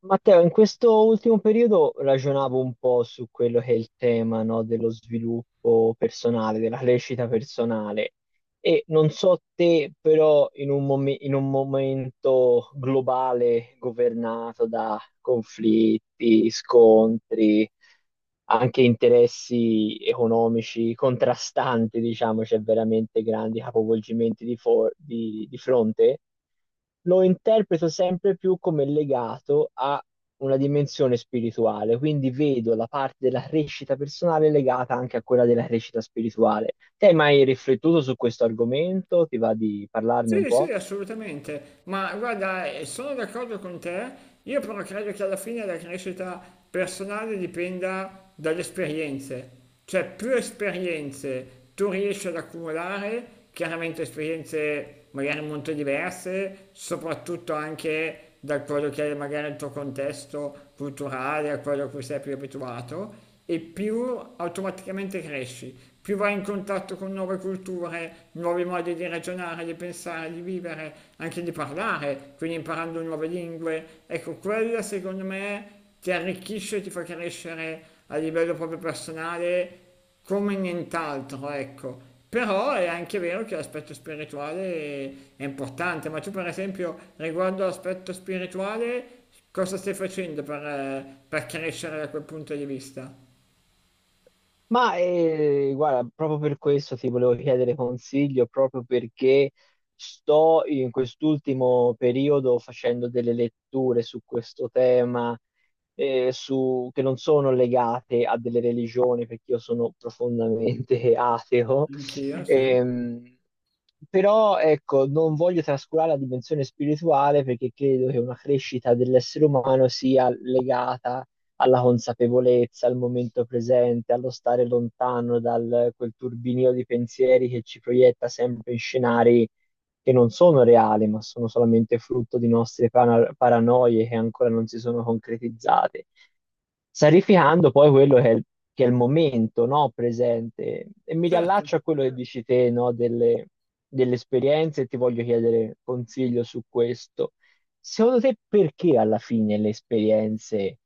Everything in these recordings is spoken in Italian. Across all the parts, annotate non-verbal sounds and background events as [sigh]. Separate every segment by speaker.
Speaker 1: Matteo, in questo ultimo periodo ragionavo un po' su quello che è il tema, no, dello sviluppo personale, della crescita personale e non so te, però in un, in un momento globale governato da conflitti, scontri, anche interessi economici contrastanti, diciamo, c'è veramente grandi capovolgimenti di, di fronte, lo interpreto sempre più come legato a una dimensione spirituale, quindi vedo la parte della crescita personale legata anche a quella della crescita spirituale. Te hai mai riflettuto su questo argomento? Ti va di parlarne un
Speaker 2: Sì,
Speaker 1: po'?
Speaker 2: sì, assolutamente, ma guarda, sono d'accordo con te, io però credo che alla fine la crescita personale dipenda dalle esperienze, cioè più esperienze tu riesci ad accumulare, chiaramente esperienze magari molto diverse, soprattutto anche da quello che è magari il tuo contesto culturale, a quello a cui sei più abituato, e più automaticamente cresci, più vai in contatto con nuove culture, nuovi modi di ragionare, di pensare, di vivere, anche di parlare, quindi imparando nuove lingue. Ecco, quella secondo me ti arricchisce e ti fa crescere a livello proprio personale come nient'altro, ecco. Però è anche vero che l'aspetto spirituale è importante, ma tu per esempio riguardo all'aspetto spirituale cosa stai facendo per crescere da quel punto di vista?
Speaker 1: Ma guarda, proprio per questo ti volevo chiedere consiglio, proprio perché sto in quest'ultimo periodo facendo delle letture su questo tema, che non sono legate a delle religioni, perché io sono profondamente [laughs] ateo.
Speaker 2: Anch'io, sì,
Speaker 1: Ehm, però ecco, non voglio trascurare la dimensione spirituale perché credo che una crescita dell'essere umano sia legata alla consapevolezza, al momento presente, allo stare lontano da quel turbinio di pensieri che ci proietta sempre in scenari che non sono reali, ma sono solamente frutto di nostre paranoie che ancora non si sono concretizzate, sarificando poi quello che è il momento, no, presente. E mi
Speaker 2: certo,
Speaker 1: riallaccio a quello che dici te, no, delle, delle esperienze e ti voglio chiedere consiglio su questo. Secondo te perché alla fine le esperienze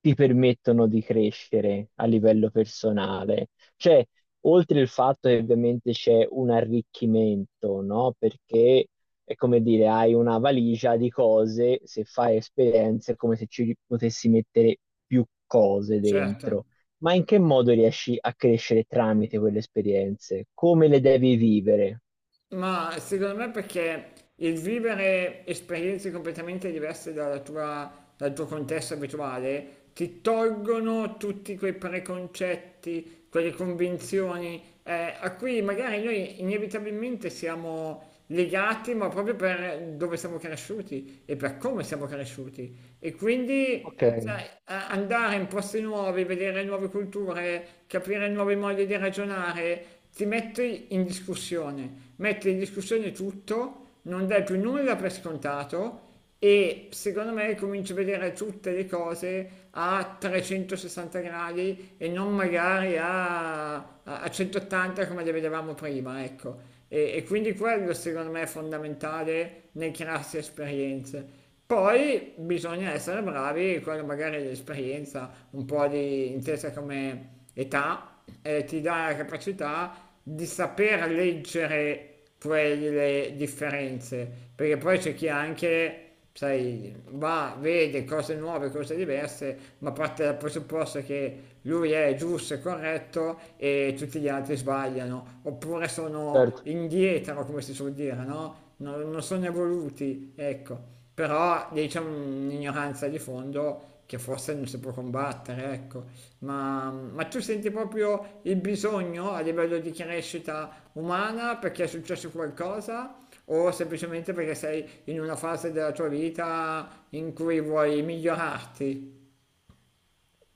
Speaker 1: ti permettono di crescere a livello personale? Cioè, oltre il fatto che ovviamente c'è un arricchimento, no? Perché è come dire, hai una valigia di cose, se fai esperienze è come se ci potessi mettere più cose
Speaker 2: certo.
Speaker 1: dentro. Ma in che modo riesci a crescere tramite quelle esperienze? Come le devi vivere?
Speaker 2: Ma secondo me perché il vivere esperienze completamente diverse dalla tua- dal tuo contesto abituale ti tolgono tutti quei preconcetti, quelle convinzioni a cui magari noi inevitabilmente siamo legati, ma proprio per dove siamo cresciuti e per come siamo cresciuti. E quindi
Speaker 1: Ok,
Speaker 2: sai, andare in posti nuovi, vedere nuove culture, capire nuovi modi di ragionare, ti metti in discussione tutto, non dai più nulla per scontato e secondo me cominci a vedere tutte le cose a 360 gradi e non magari a, a 180 come le vedevamo prima, ecco. E quindi quello secondo me è fondamentale nel crearsi esperienze. Poi bisogna essere bravi, quello magari è l'esperienza, un po' di intesa come età, ti dà la capacità di saper leggere quelle differenze, perché poi c'è chi anche, sai, va, vede cose nuove, cose diverse, ma parte dal presupposto che lui è giusto e corretto e tutti gli altri sbagliano, oppure sono
Speaker 1: certo.
Speaker 2: indietro, come si suol dire, no? Non sono evoluti, ecco, però lì c'è un'ignoranza di fondo che forse non si può combattere, ecco. Ma tu senti proprio il bisogno a livello di crescita umana perché è successo qualcosa o semplicemente perché sei in una fase della tua vita in cui vuoi migliorarti?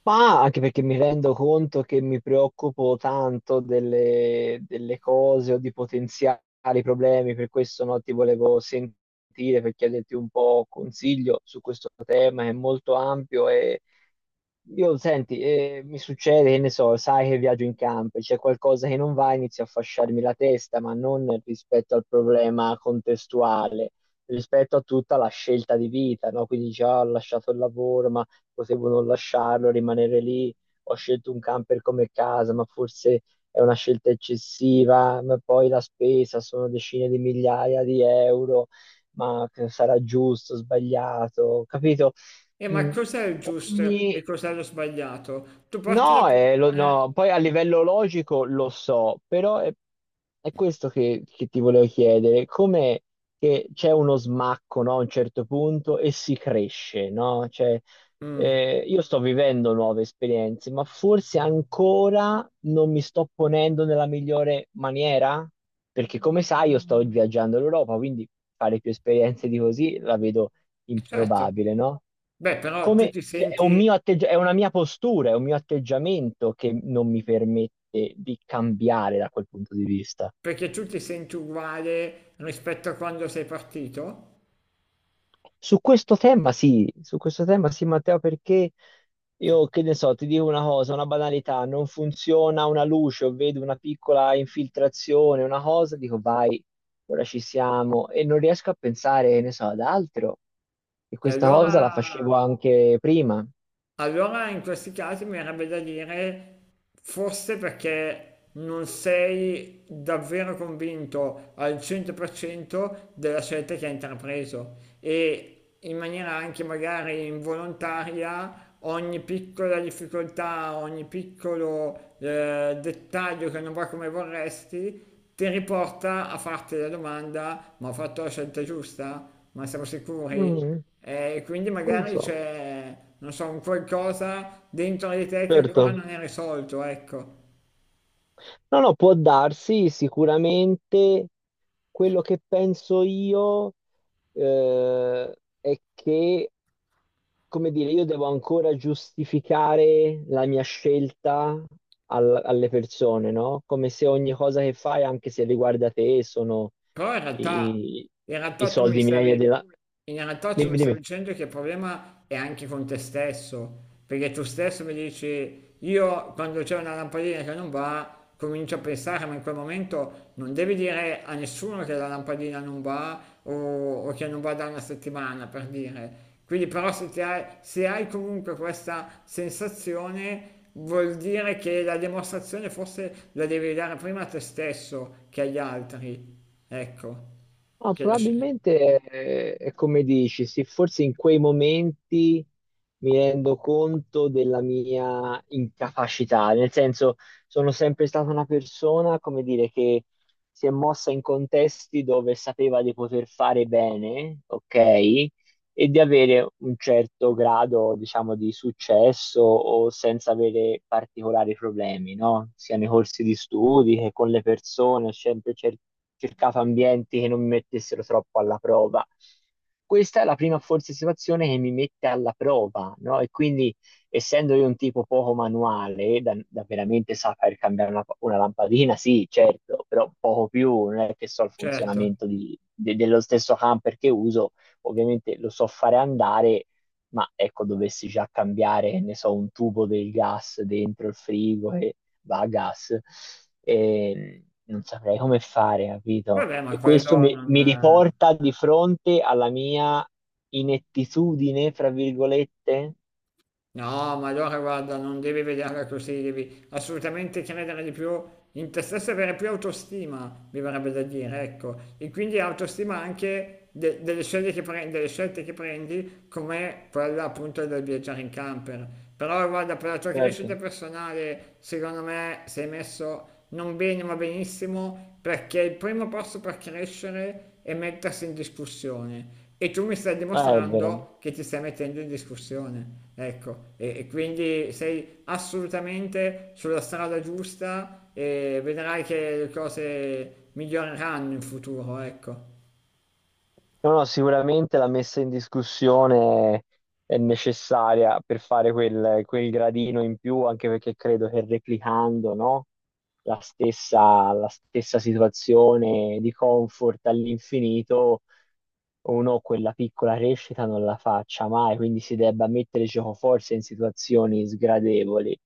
Speaker 1: Ma anche perché mi rendo conto che mi preoccupo tanto delle, delle cose o di potenziali problemi, per questo no, ti volevo sentire per chiederti un po' consiglio su questo tema che è molto ampio e io, senti, mi succede, che ne so, sai che viaggio in campo, c'è qualcosa che non va, inizio a fasciarmi la testa, ma non rispetto al problema contestuale, rispetto a tutta la scelta di vita, no? Quindi già ho lasciato il lavoro, ma potevo non lasciarlo, rimanere lì. Ho scelto un camper come casa, ma forse è una scelta eccessiva, ma poi la spesa sono decine di migliaia di euro, ma che sarà giusto, sbagliato, capito?
Speaker 2: E ma
Speaker 1: Mm.
Speaker 2: cos'è il giusto e
Speaker 1: Ogni...
Speaker 2: cos'è lo sbagliato? Tu parti da...
Speaker 1: No,
Speaker 2: pre-
Speaker 1: no, poi a livello logico lo so, però è questo che ti volevo chiedere, come che c'è uno smacco, no, a un certo punto e si cresce, no? Cioè,
Speaker 2: Mm,
Speaker 1: io sto vivendo nuove esperienze, ma forse ancora non mi sto ponendo nella migliore maniera, perché come sai io sto viaggiando l'Europa, quindi fare più esperienze di così la vedo
Speaker 2: certo.
Speaker 1: improbabile, no?
Speaker 2: Beh, però tu
Speaker 1: Come,
Speaker 2: ti
Speaker 1: cioè, è un
Speaker 2: senti
Speaker 1: è una mia postura, è un mio atteggiamento che non mi permette di cambiare da quel punto di vista.
Speaker 2: perché tu ti senti uguale rispetto a quando sei partito?
Speaker 1: Su questo tema sì, su questo tema sì, Matteo, perché io che ne so, ti dico una cosa, una banalità, non funziona una luce o vedo una piccola infiltrazione, una cosa, dico vai, ora ci siamo e non riesco a pensare, che ne so, ad altro. E
Speaker 2: E
Speaker 1: questa
Speaker 2: allora
Speaker 1: cosa la facevo anche prima.
Speaker 2: Allora in questi casi mi verrebbe da dire, forse perché non sei davvero convinto al 100% della scelta che hai intrapreso e in maniera anche magari involontaria ogni piccola difficoltà, ogni piccolo dettaglio che non va come vorresti, ti riporta a farti la domanda, ma ho fatto la scelta giusta? Ma siamo sicuri?
Speaker 1: Mm.
Speaker 2: E quindi
Speaker 1: Non lo
Speaker 2: magari
Speaker 1: so.
Speaker 2: c'è, non so, un qualcosa dentro di te che ancora
Speaker 1: Certo.
Speaker 2: non è risolto, ecco.
Speaker 1: No, no, può darsi sicuramente quello che penso io eh, è che, come dire, io devo ancora giustificare la mia scelta alle persone, no? Come se ogni cosa che fai, anche se riguarda te, sono
Speaker 2: Però
Speaker 1: i,
Speaker 2: in
Speaker 1: i
Speaker 2: realtà tu mi
Speaker 1: soldi miei e
Speaker 2: stavi,
Speaker 1: della...
Speaker 2: in realtà tu mi
Speaker 1: Dimmi,
Speaker 2: stavi
Speaker 1: dimmi.
Speaker 2: dicendo che il problema è anche con te stesso, perché tu stesso mi dici, io quando c'è una lampadina che non va, comincio a pensare, ma in quel momento non devi dire a nessuno che la lampadina non va o che non va da una settimana, per dire. Quindi però se hai comunque questa sensazione vuol dire che la dimostrazione forse la devi dare prima a te stesso che agli altri. Ecco,
Speaker 1: No,
Speaker 2: che la sci-
Speaker 1: probabilmente è come dici, sì, forse in quei momenti mi rendo conto della mia incapacità, nel senso sono sempre stata una persona, come dire, che si è mossa in contesti dove sapeva di poter fare bene, ok? E di avere un certo grado, diciamo, di successo o senza avere particolari problemi, no? Sia nei corsi di studi che con le persone, ho sempre cercato ambienti che non mi mettessero troppo alla prova. Questa è la prima forse situazione che mi mette alla prova, no? E quindi, essendo io un tipo poco manuale, da, da veramente saper cambiare una lampadina, sì, certo, però poco più, non è che so il
Speaker 2: certo.
Speaker 1: funzionamento dello stesso camper che uso ovviamente lo so fare andare, ma ecco, dovessi già cambiare, ne so, un tubo del gas dentro il frigo e va a gas, e non saprei come fare, capito?
Speaker 2: Vabbè, ma
Speaker 1: E questo
Speaker 2: quello
Speaker 1: mi, mi
Speaker 2: non...
Speaker 1: riporta di fronte alla mia inettitudine, fra virgolette.
Speaker 2: No, ma allora guarda, non devi vederla così, devi assolutamente credere di più in te stesso e avere più autostima, mi verrebbe da dire, ecco. E quindi autostima anche delle scelte che prendi, delle scelte che prendi, come quella appunto del viaggiare in camper. Però guarda, per la tua crescita
Speaker 1: Certo.
Speaker 2: personale, secondo me sei messo non bene ma benissimo, perché il primo passo per crescere è mettersi in discussione. E tu mi stai
Speaker 1: È vero.
Speaker 2: dimostrando che ti stai mettendo in discussione, ecco, e quindi sei assolutamente sulla strada giusta e vedrai che le cose miglioreranno in futuro, ecco.
Speaker 1: No, no, sicuramente la messa in discussione è necessaria per fare quel, quel gradino in più, anche perché credo che replicando, no, la stessa situazione di comfort all'infinito, uno quella piccola crescita non la faccia mai, quindi si debba mettere giocoforza in situazioni sgradevoli.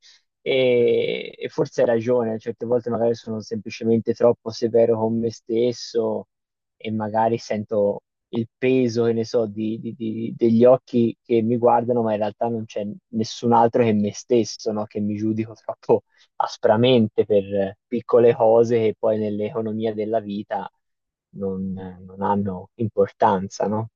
Speaker 2: Sì.
Speaker 1: E forse hai ragione, certe volte magari sono semplicemente troppo severo con me stesso e magari sento il peso, che ne so, degli occhi che mi guardano, ma in realtà non c'è nessun altro che me stesso, no? Che mi giudico troppo aspramente per piccole cose che poi nell'economia della vita non, non hanno importanza, no?